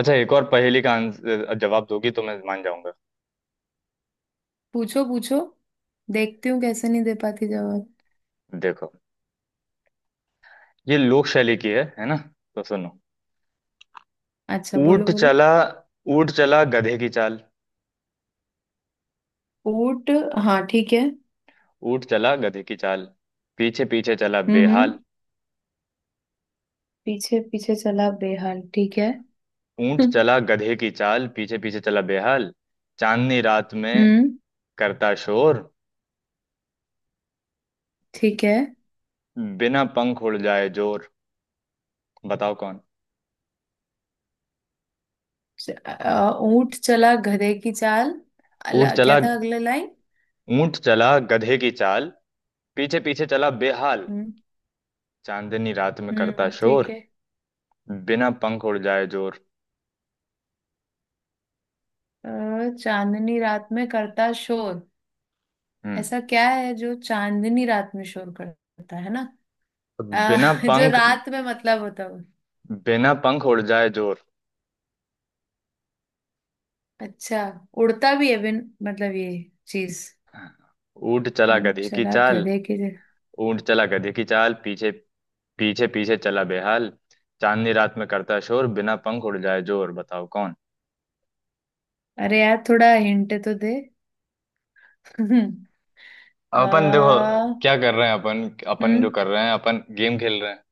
अच्छा, एक और पहेली का आंसर जवाब दोगी तो मैं मान जाऊंगा। पूछो पूछो। देखती हूँ कैसे नहीं दे पाती जवाब। देखो, ये लोक शैली की है ना। तो सुनो। अच्छा, बोलो ऊंट बोलो। चला ऊंट चला गधे की चाल, ऊंट। हाँ, ठीक है। ऊंट चला गधे की चाल पीछे पीछे चला बेहाल। हम्म। पीछे पीछे चला बेहाल, ठीक है। ऊंट चला गधे की चाल पीछे पीछे चला बेहाल, चांदनी रात में हम्म, करता शोर, ठीक है। बिना पंख उड़ जाए जोर। बताओ कौन। ऊंट चला गधे की चाल। ऊंट अला, क्या चला था अगला लाइन? ऊंट चला गधे की चाल पीछे पीछे चला बेहाल, हम्म चांदनी रात में करता हम्म, ठीक शोर, है। बिना पंख उड़ जाए जोर। चांदनी रात में करता शोर। हम्म। ऐसा क्या है जो चांदनी रात में शोर करता है ना? बिना अ, जो पंख। रात में मतलब होता हो। बिना पंख उड़ जाए जोर। अच्छा। उड़ता भी है बिन। मतलब ये चीज। ऊंट चला ऊंट गधी की चला चाल गधे के। ऊंट चला गधी की चाल पीछे पीछे पीछे चला बेहाल, चांदनी रात में करता शोर, बिना पंख उड़ जाए जोर। बताओ कौन। अरे यार थोड़ा हिंट तो दे। अब अपन देखो, आ, क्या कर रहे हैं अपन। अपन हम्म। जो कर रहे हैं, अपन गेम खेल रहे हैं,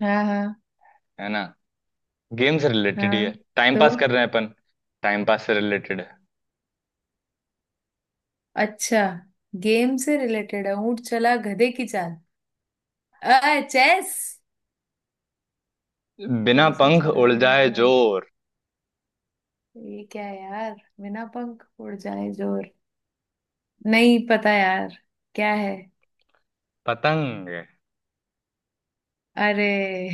हाँ हाँ। है ना। गेम से रिलेटेड ही हाँ। है, टाइम तो, पास कर रहे हैं अपन। टाइम पास से रिलेटेड अच्छा। गेम से रिलेटेड है? ऊंट चला गधे की चाल, आ चेस है। के बिना पीछे पंख चढ़ा उड़ हुआ जाए है। जोर। ये क्या है यार? बिना पंख उड़ जाए जोर। नहीं पता यार, क्या है। पतंग। अरे!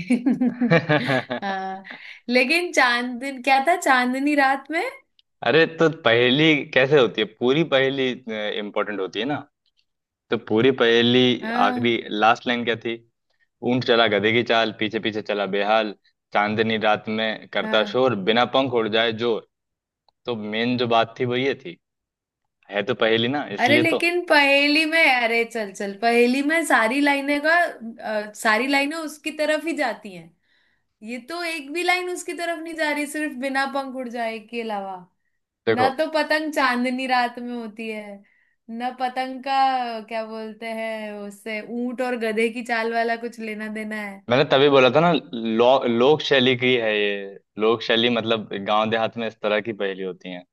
हाँ। लेकिन चांद, दिन क्या था, चांदनी रात में? अरे तो पहेली, कैसे होती है पूरी पहेली, इंपॉर्टेंट होती है ना। तो पूरी पहेली, हाँ। आखिरी लास्ट लाइन क्या थी। ऊंट चला गधे की चाल पीछे पीछे चला बेहाल, चांदनी रात में करता हाँ। शोर, बिना पंख उड़ जाए जोर। तो मेन जो बात थी वो ये थी। है तो पहेली ना, अरे इसलिए तो। लेकिन पहेली में, अरे चल चल, पहेली में सारी लाइनें का सारी लाइनें उसकी तरफ ही जाती हैं। ये तो एक भी लाइन उसकी तरफ नहीं जा रही सिर्फ बिना पंख उड़ जाए के अलावा। ना देखो, तो पतंग चांदनी रात में होती है, ना पतंग का क्या बोलते हैं उससे ऊंट और गधे की चाल वाला कुछ लेना देना। मैंने तभी बोला था ना लोक शैली की है ये। लोक शैली मतलब गांव देहात में इस तरह की पहेली होती है,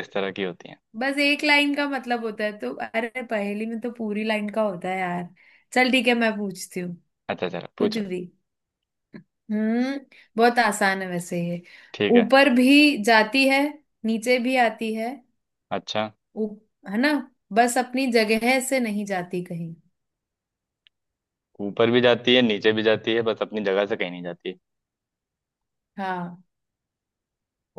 इस तरह की होती है। बस एक लाइन का मतलब होता है तो? अरे, पहेली में तो पूरी लाइन का होता है यार। चल ठीक है, मैं पूछती हूँ। अच्छा चलो कुछ पूछो। भी। हम्म। बहुत आसान है वैसे ये। ठीक है। ऊपर भी जाती है, नीचे भी आती है। अच्छा। है ना? बस अपनी जगह से नहीं जाती कहीं। ऊपर भी जाती है नीचे भी जाती है, बस अपनी जगह से कहीं नहीं जाती। हाँ।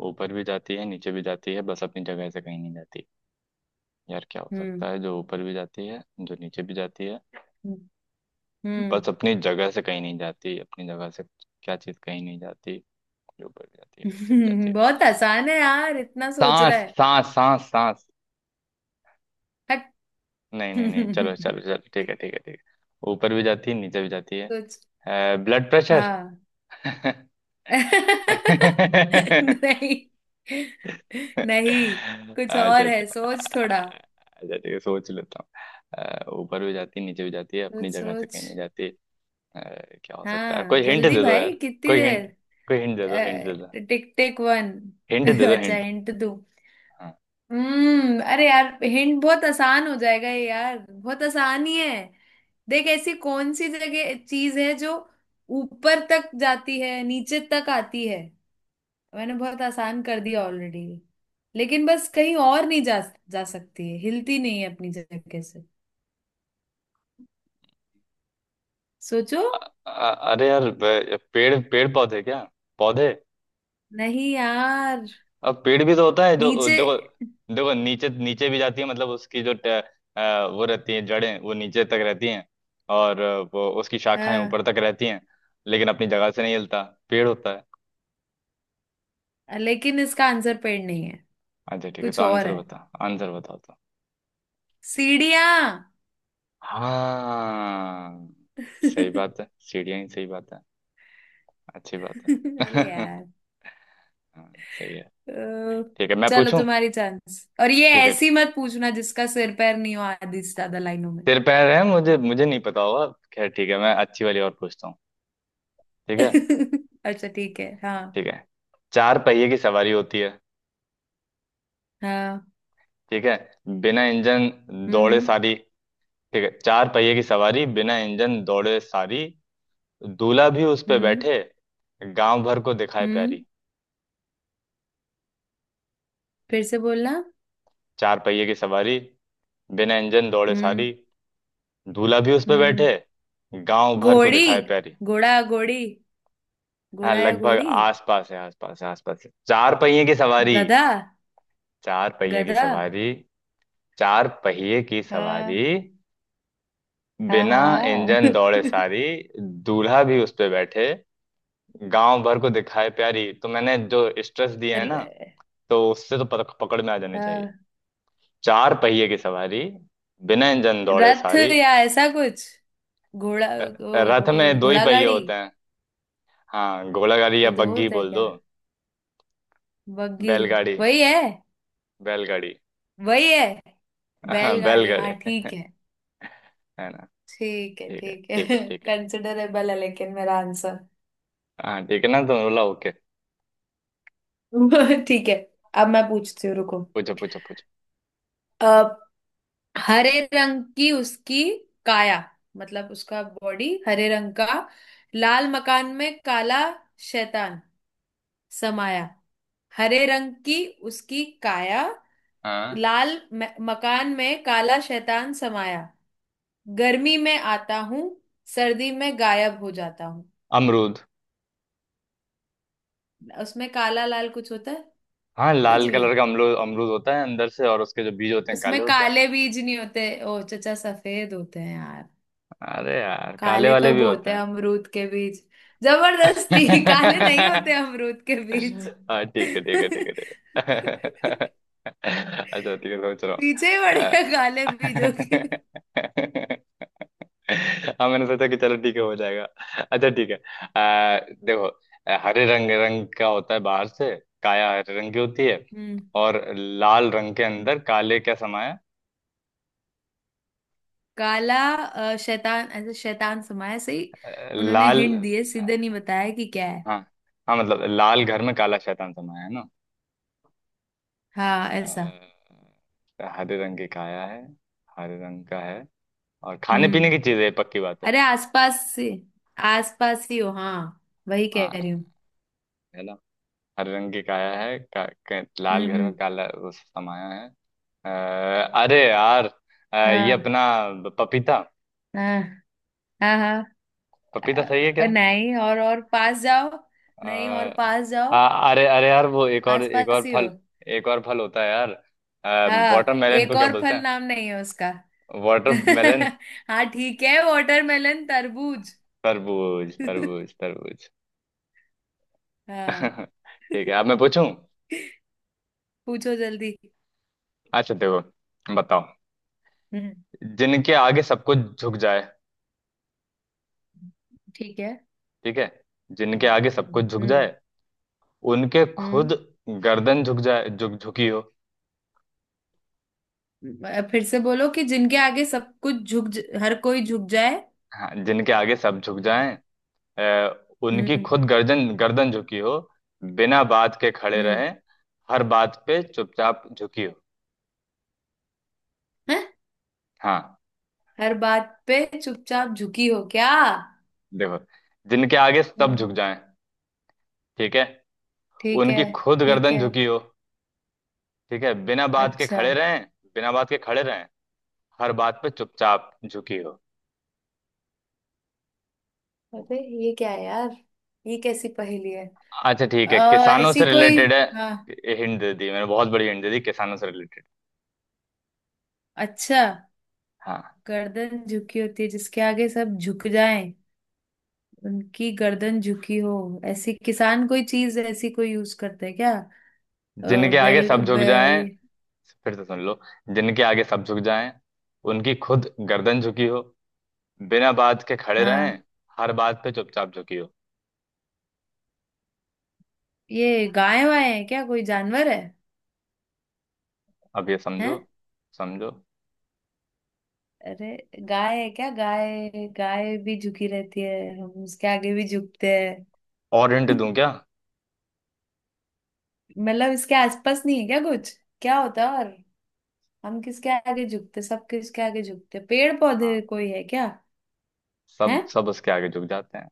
ऊपर भी जाती है नीचे भी जाती है, बस अपनी जगह से कहीं नहीं जाती। यार क्या हो हम्म सकता है जो ऊपर भी जाती है, जो नीचे भी जाती है, हम्म। बस अपनी जगह से कहीं नहीं जाती, अपनी जगह से। क्या चीज़ कहीं नहीं जाती, जो ऊपर भी जाती है नीचे भी जाती है। बहुत आसान है यार, इतना सोच रहा सांस है। सांस सांस सांस हट! नहीं नहीं नहीं, चलो चलो चलो, ठीक है ठीक है ठीक है, ऊपर भी जाती है नीचे भी जाती सोच। है, ब्लड प्रेशर। हाँ। नहीं। नहीं, कुछ अच्छा और है, अच्छा। सोच थोड़ा। ठीक है, सोच लेता हूँ। ऊपर भी जाती है नीचे भी जाती है, अपनी सोच जगह से सोच। कहीं नहीं जाती। अ, क्या हो सकता है यार, हाँ कोई हिंट जल्दी दे दो भाई, यार। कितनी कोई देर? हिंट, कोई हिंट दे दो, हिंट दे दो, टिक टिक वन। हिंट दे दो, अच्छा, हिंट। हिंट दूं? हाँ। हम्म, अरे यार हिंट, बहुत आसान हो जाएगा ये यार, बहुत आसान ही है। देख, ऐसी कौन सी जगह चीज है जो ऊपर तक जाती है, नीचे तक आती है। मैंने बहुत आसान कर दिया ऑलरेडी। लेकिन बस कहीं और नहीं जा, जा सकती है, हिलती नहीं है अपनी जगह से। सोचो। अरे यार, पेड़ पेड़ पौधे, क्या पौधे। नहीं यार। अब पेड़ भी तो होता है, जो नीचे। देखो, देखो नीचे, नीचे भी जाती है, मतलब उसकी जो वो रहती है, जड़ें वो नीचे तक रहती हैं। और वो उसकी शाखाएं हाँ, ऊपर तक रहती हैं, लेकिन अपनी जगह से नहीं हिलता। पेड़ होता है। लेकिन इसका आंसर पेड़ नहीं है। अच्छा ठीक है, तो कुछ और आंसर है। बता, आंसर बताओ तो। सीढ़ियाँ। हाँ, सही बात है, सीढ़ियाँ ही सही बात है, अच्छी बात अरे है। यार। हाँ, सही है। अ, ठीक है, मैं चलो पूछूं। तुम्हारी चांस, और ये ठीक है ठीक ऐसी है, मत पूछना जिसका सिर पैर नहीं हो आधी से ज्यादा लाइनों में। सिर पैर है, मुझे मुझे नहीं पता होगा। खैर ठीक है, मैं अच्छी वाली और पूछता हूँ। ठीक है। अच्छा ठीक है, हाँ। ठीक है। चार पहिए की सवारी होती है। हाँ। ठीक है। बिना इंजन दौड़े हम्म सारी। ठीक है। चार पहिए की सवारी बिना इंजन दौड़े सारी, दूल्हा भी उस पे हम्म। हम्म। बैठे, गांव भर को दिखाए प्यारी। हम्म, फिर से बोलना। चार पहिए की सवारी, बिना इंजन दौड़े हम्म। सारी, दूल्हा भी उस पे हम्म। बैठे, गांव भर को घोड़ी, दिखाए प्यारी। घोड़ा घोड़ी, हाँ घोड़ा या लगभग घोड़ी। आसपास है, आसपास है, आसपास है। चार पहिए की सवारी, गधा। चार पहिए की गधा। सवारी, चार पहिए की सवारी, हाँ हाँ। बिना हाँ। इंजन दौड़े सारी, दूल्हा भी उस पे बैठे, गांव भर को दिखाए प्यारी। तो मैंने जो स्ट्रेस दिया है ना, र, तो उससे तो पकड़ में आ जाने चाहिए। हाँ, चार पहिए की सवारी, बिना इंजन दौड़े रथ सारी। या ऐसा कुछ, घोड़ा अ, रथ वो, में वो दो ही घोड़ा पहिए गाड़ी। होते हैं। हाँ, घोड़ा गाड़ी तो या दो बग्घी होता है बोल क्या? दो। बग्गी। बैलगाड़ी, वही है। बैलगाड़ी, वही है। हाँ बैलगाड़ी, हाँ बैलगाड़ी, ठीक है। है ना। ठीक है ठीक है ठीक ठीक है। है ठीक है। कंसिडरेबल है लेकिन मेरा आंसर। हाँ ठीक है ना, तो बोला ओके। ठीक है। अब मैं पूछती हूँ, रुको। पूछो पूछो पूछो। हरे रंग की उसकी काया, मतलब उसका बॉडी हरे रंग का। लाल मकान में काला शैतान समाया। हरे रंग की उसकी काया, हाँ। लाल मकान में काला शैतान समाया। गर्मी में आता हूँ, सर्दी में गायब हो जाता हूँ। अमरूद। उसमें काला लाल कुछ होता है? हाँ, कुछ लाल भी। कलर का अमरूद, अमरूद होता है अंदर से, और उसके जो बीज होते हैं उसमें काले होते हैं। काले बीज नहीं होते ओ चचा, सफेद होते हैं यार। अरे यार काले काले वाले भी कब होते होते हैं हैं। अमरूद के बीज? जबरदस्ती काले नहीं होते अमरूद के बीज। हाँ ठीक है ठीक है ठीक है ठीक है। अच्छा ठीक है, सोच रहा पीछे ही पड़ हूँ। गया काले अ- बीजों के। हाँ मैंने सोचा कि चलो ठीक है हो जाएगा। अच्छा ठीक है। आ, देखो, हरे रंग रंग का होता है बाहर से, काया हरे रंग की होती है। हम्म। और लाल रंग के अंदर काले क्या समाया है? काला शैतान, ऐसे शैतान समाया, सही। उन्होंने लाल, हिंट दिए, सीधे नहीं बताया कि क्या है। हाँ हाँ, मतलब लाल घर में काला शैतान समाया है ना। हाँ, ऐसा। हरे रंग की काया है, हरे रंग का है, और खाने पीने हम्म। की चीज है ये, पक्की बात है। अरे आसपास से, आसपास ही हो हाँ, वही कह रही हाँ, हूँ। है ना। हरे रंग की काया है लाल घर में हम्म। काला वो समाया है। अ, अरे यार, ये हाँ। अपना पपीता। हाँ हाँ। हाँ पपीता सही है क्या? नहीं, और पास जाओ। नहीं और अ, पास जाओ। आ, अरे अरे यार वो, एक और एक आसपास और ही फल, हो। एक और फल होता है यार। हाँ। वाटरमेलन को एक क्या और बोलते फल हैं? नाम नहीं है उसका। वाटरमेलन, हाँ ठीक है, वाटरमेलन तरबूज। तरबूज, तरबूज तरबूज। हाँ। ठीक है, अब मैं पूछूं। पूछो जल्दी। अच्छा देखो बताओ। हम्म। जिनके आगे सब कुछ झुक जाए। ठीक है। ठीक है। क्या जिनके है? आगे सब कुछ झुक हम्म जाए, उनके हम्म। खुद गर्दन झुक जाए, झुकी हो। फिर से बोलो कि जिनके आगे सब कुछ हर कोई झुक जाए। हाँ, जिनके आगे सब झुक जाएं, अ, उनकी हम्म खुद गर्दन गर्दन झुकी हो, बिना बात के खड़े हम्म। रहे, हर बात पे चुपचाप झुकी हो। हैं? हाँ। हर बात पे चुपचाप झुकी हो क्या? देखो, जिनके आगे सब झुक हम्म। जाएं, ठीक है, ठीक है उनकी खुद ठीक गर्दन है। झुकी हो, ठीक है, बिना बात के अच्छा। खड़े रहें, बिना बात के खड़े रहें, हर बात पे चुपचाप झुकी हो। अरे, ये क्या है यार, ये कैसी पहेली है? अच्छा ठीक है, किसानों ऐसी से कोई, रिलेटेड है। हाँ। हिंट दे दी मैंने, बहुत बड़ी हिंट दे दी, किसानों से रिलेटेड। अच्छा। हाँ, गर्दन झुकी होती है जिसके आगे सब झुक जाएं? उनकी गर्दन झुकी हो ऐसी किसान कोई चीज ऐसी कोई यूज करते हैं क्या? जिनके आगे बैल सब झुक जाएं, बै, फिर से सुन लो। जिनके आगे सब झुक जाएं, उनकी खुद गर्दन झुकी हो, बिना बात के खड़े रहें, हाँ, हर बात पे चुपचाप झुकी हो। ये गाय वाय है क्या, कोई जानवर है? अब ये समझो, हैं? समझो। अरे गाय है क्या? गाय, गाय भी झुकी रहती है, हम उसके आगे भी झुकते हैं। और हिंट दूं क्या। मतलब इसके आसपास नहीं है क्या कुछ, क्या होता है और? हम किसके आगे झुकते, सब किसके आगे झुकते, पेड़ हाँ, पौधे कोई है क्या? है। सब सब उसके आगे झुक जाते हैं,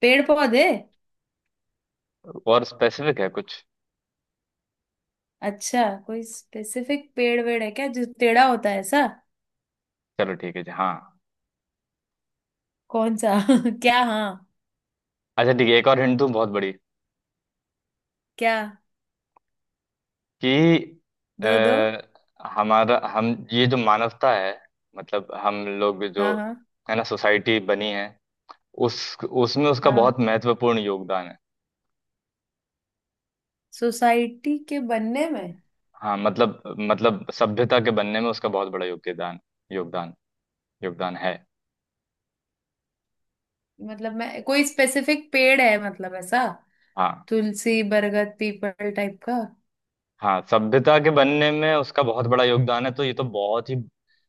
पेड़ पौधे। और स्पेसिफिक है कुछ। अच्छा, कोई स्पेसिफिक पेड़ वेड़ है क्या जो टेढ़ा होता है ऐसा? चलो ठीक है जी, हाँ। कौन सा? क्या? हाँ अच्छा ठीक है, एक और हिंट दूं बहुत बड़ी, क्या? कि दो दो। हमारा हम ये जो मानवता है, मतलब हम लोग जो, हाँ हाँ। है ना, सोसाइटी बनी है, उस उसमें उसका हाँ। बहुत महत्वपूर्ण योगदान है। सोसाइटी के बनने में? हाँ, मतलब सभ्यता के बनने में उसका बहुत बड़ा योगदान योगदान योगदान है। मतलब मैं, कोई स्पेसिफिक पेड़ है मतलब ऐसा? हाँ तुलसी बरगद पीपल टाइप का? हाँ, सभ्यता के बनने में उसका बहुत बड़ा योगदान है, तो ये तो बहुत ही,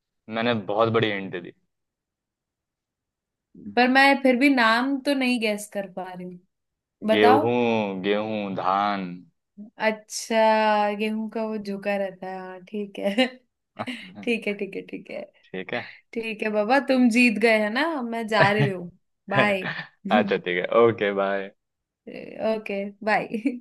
मैंने बहुत बड़ी हिंट दे दी। पर मैं फिर भी नाम तो नहीं गैस कर पा रही हूँ, बताओ। गेहूं गेहूं धान। अच्छा, गेहूं का वो झुका रहता है हाँ ठीक है। ठीक है ठीक है ठीक है। ठीक है। ठीक है बाबा, तुम जीत गए है ना, मैं जा रही हूँ। बाय। अच्छा ठीक है, ओके बाय। Okay bye.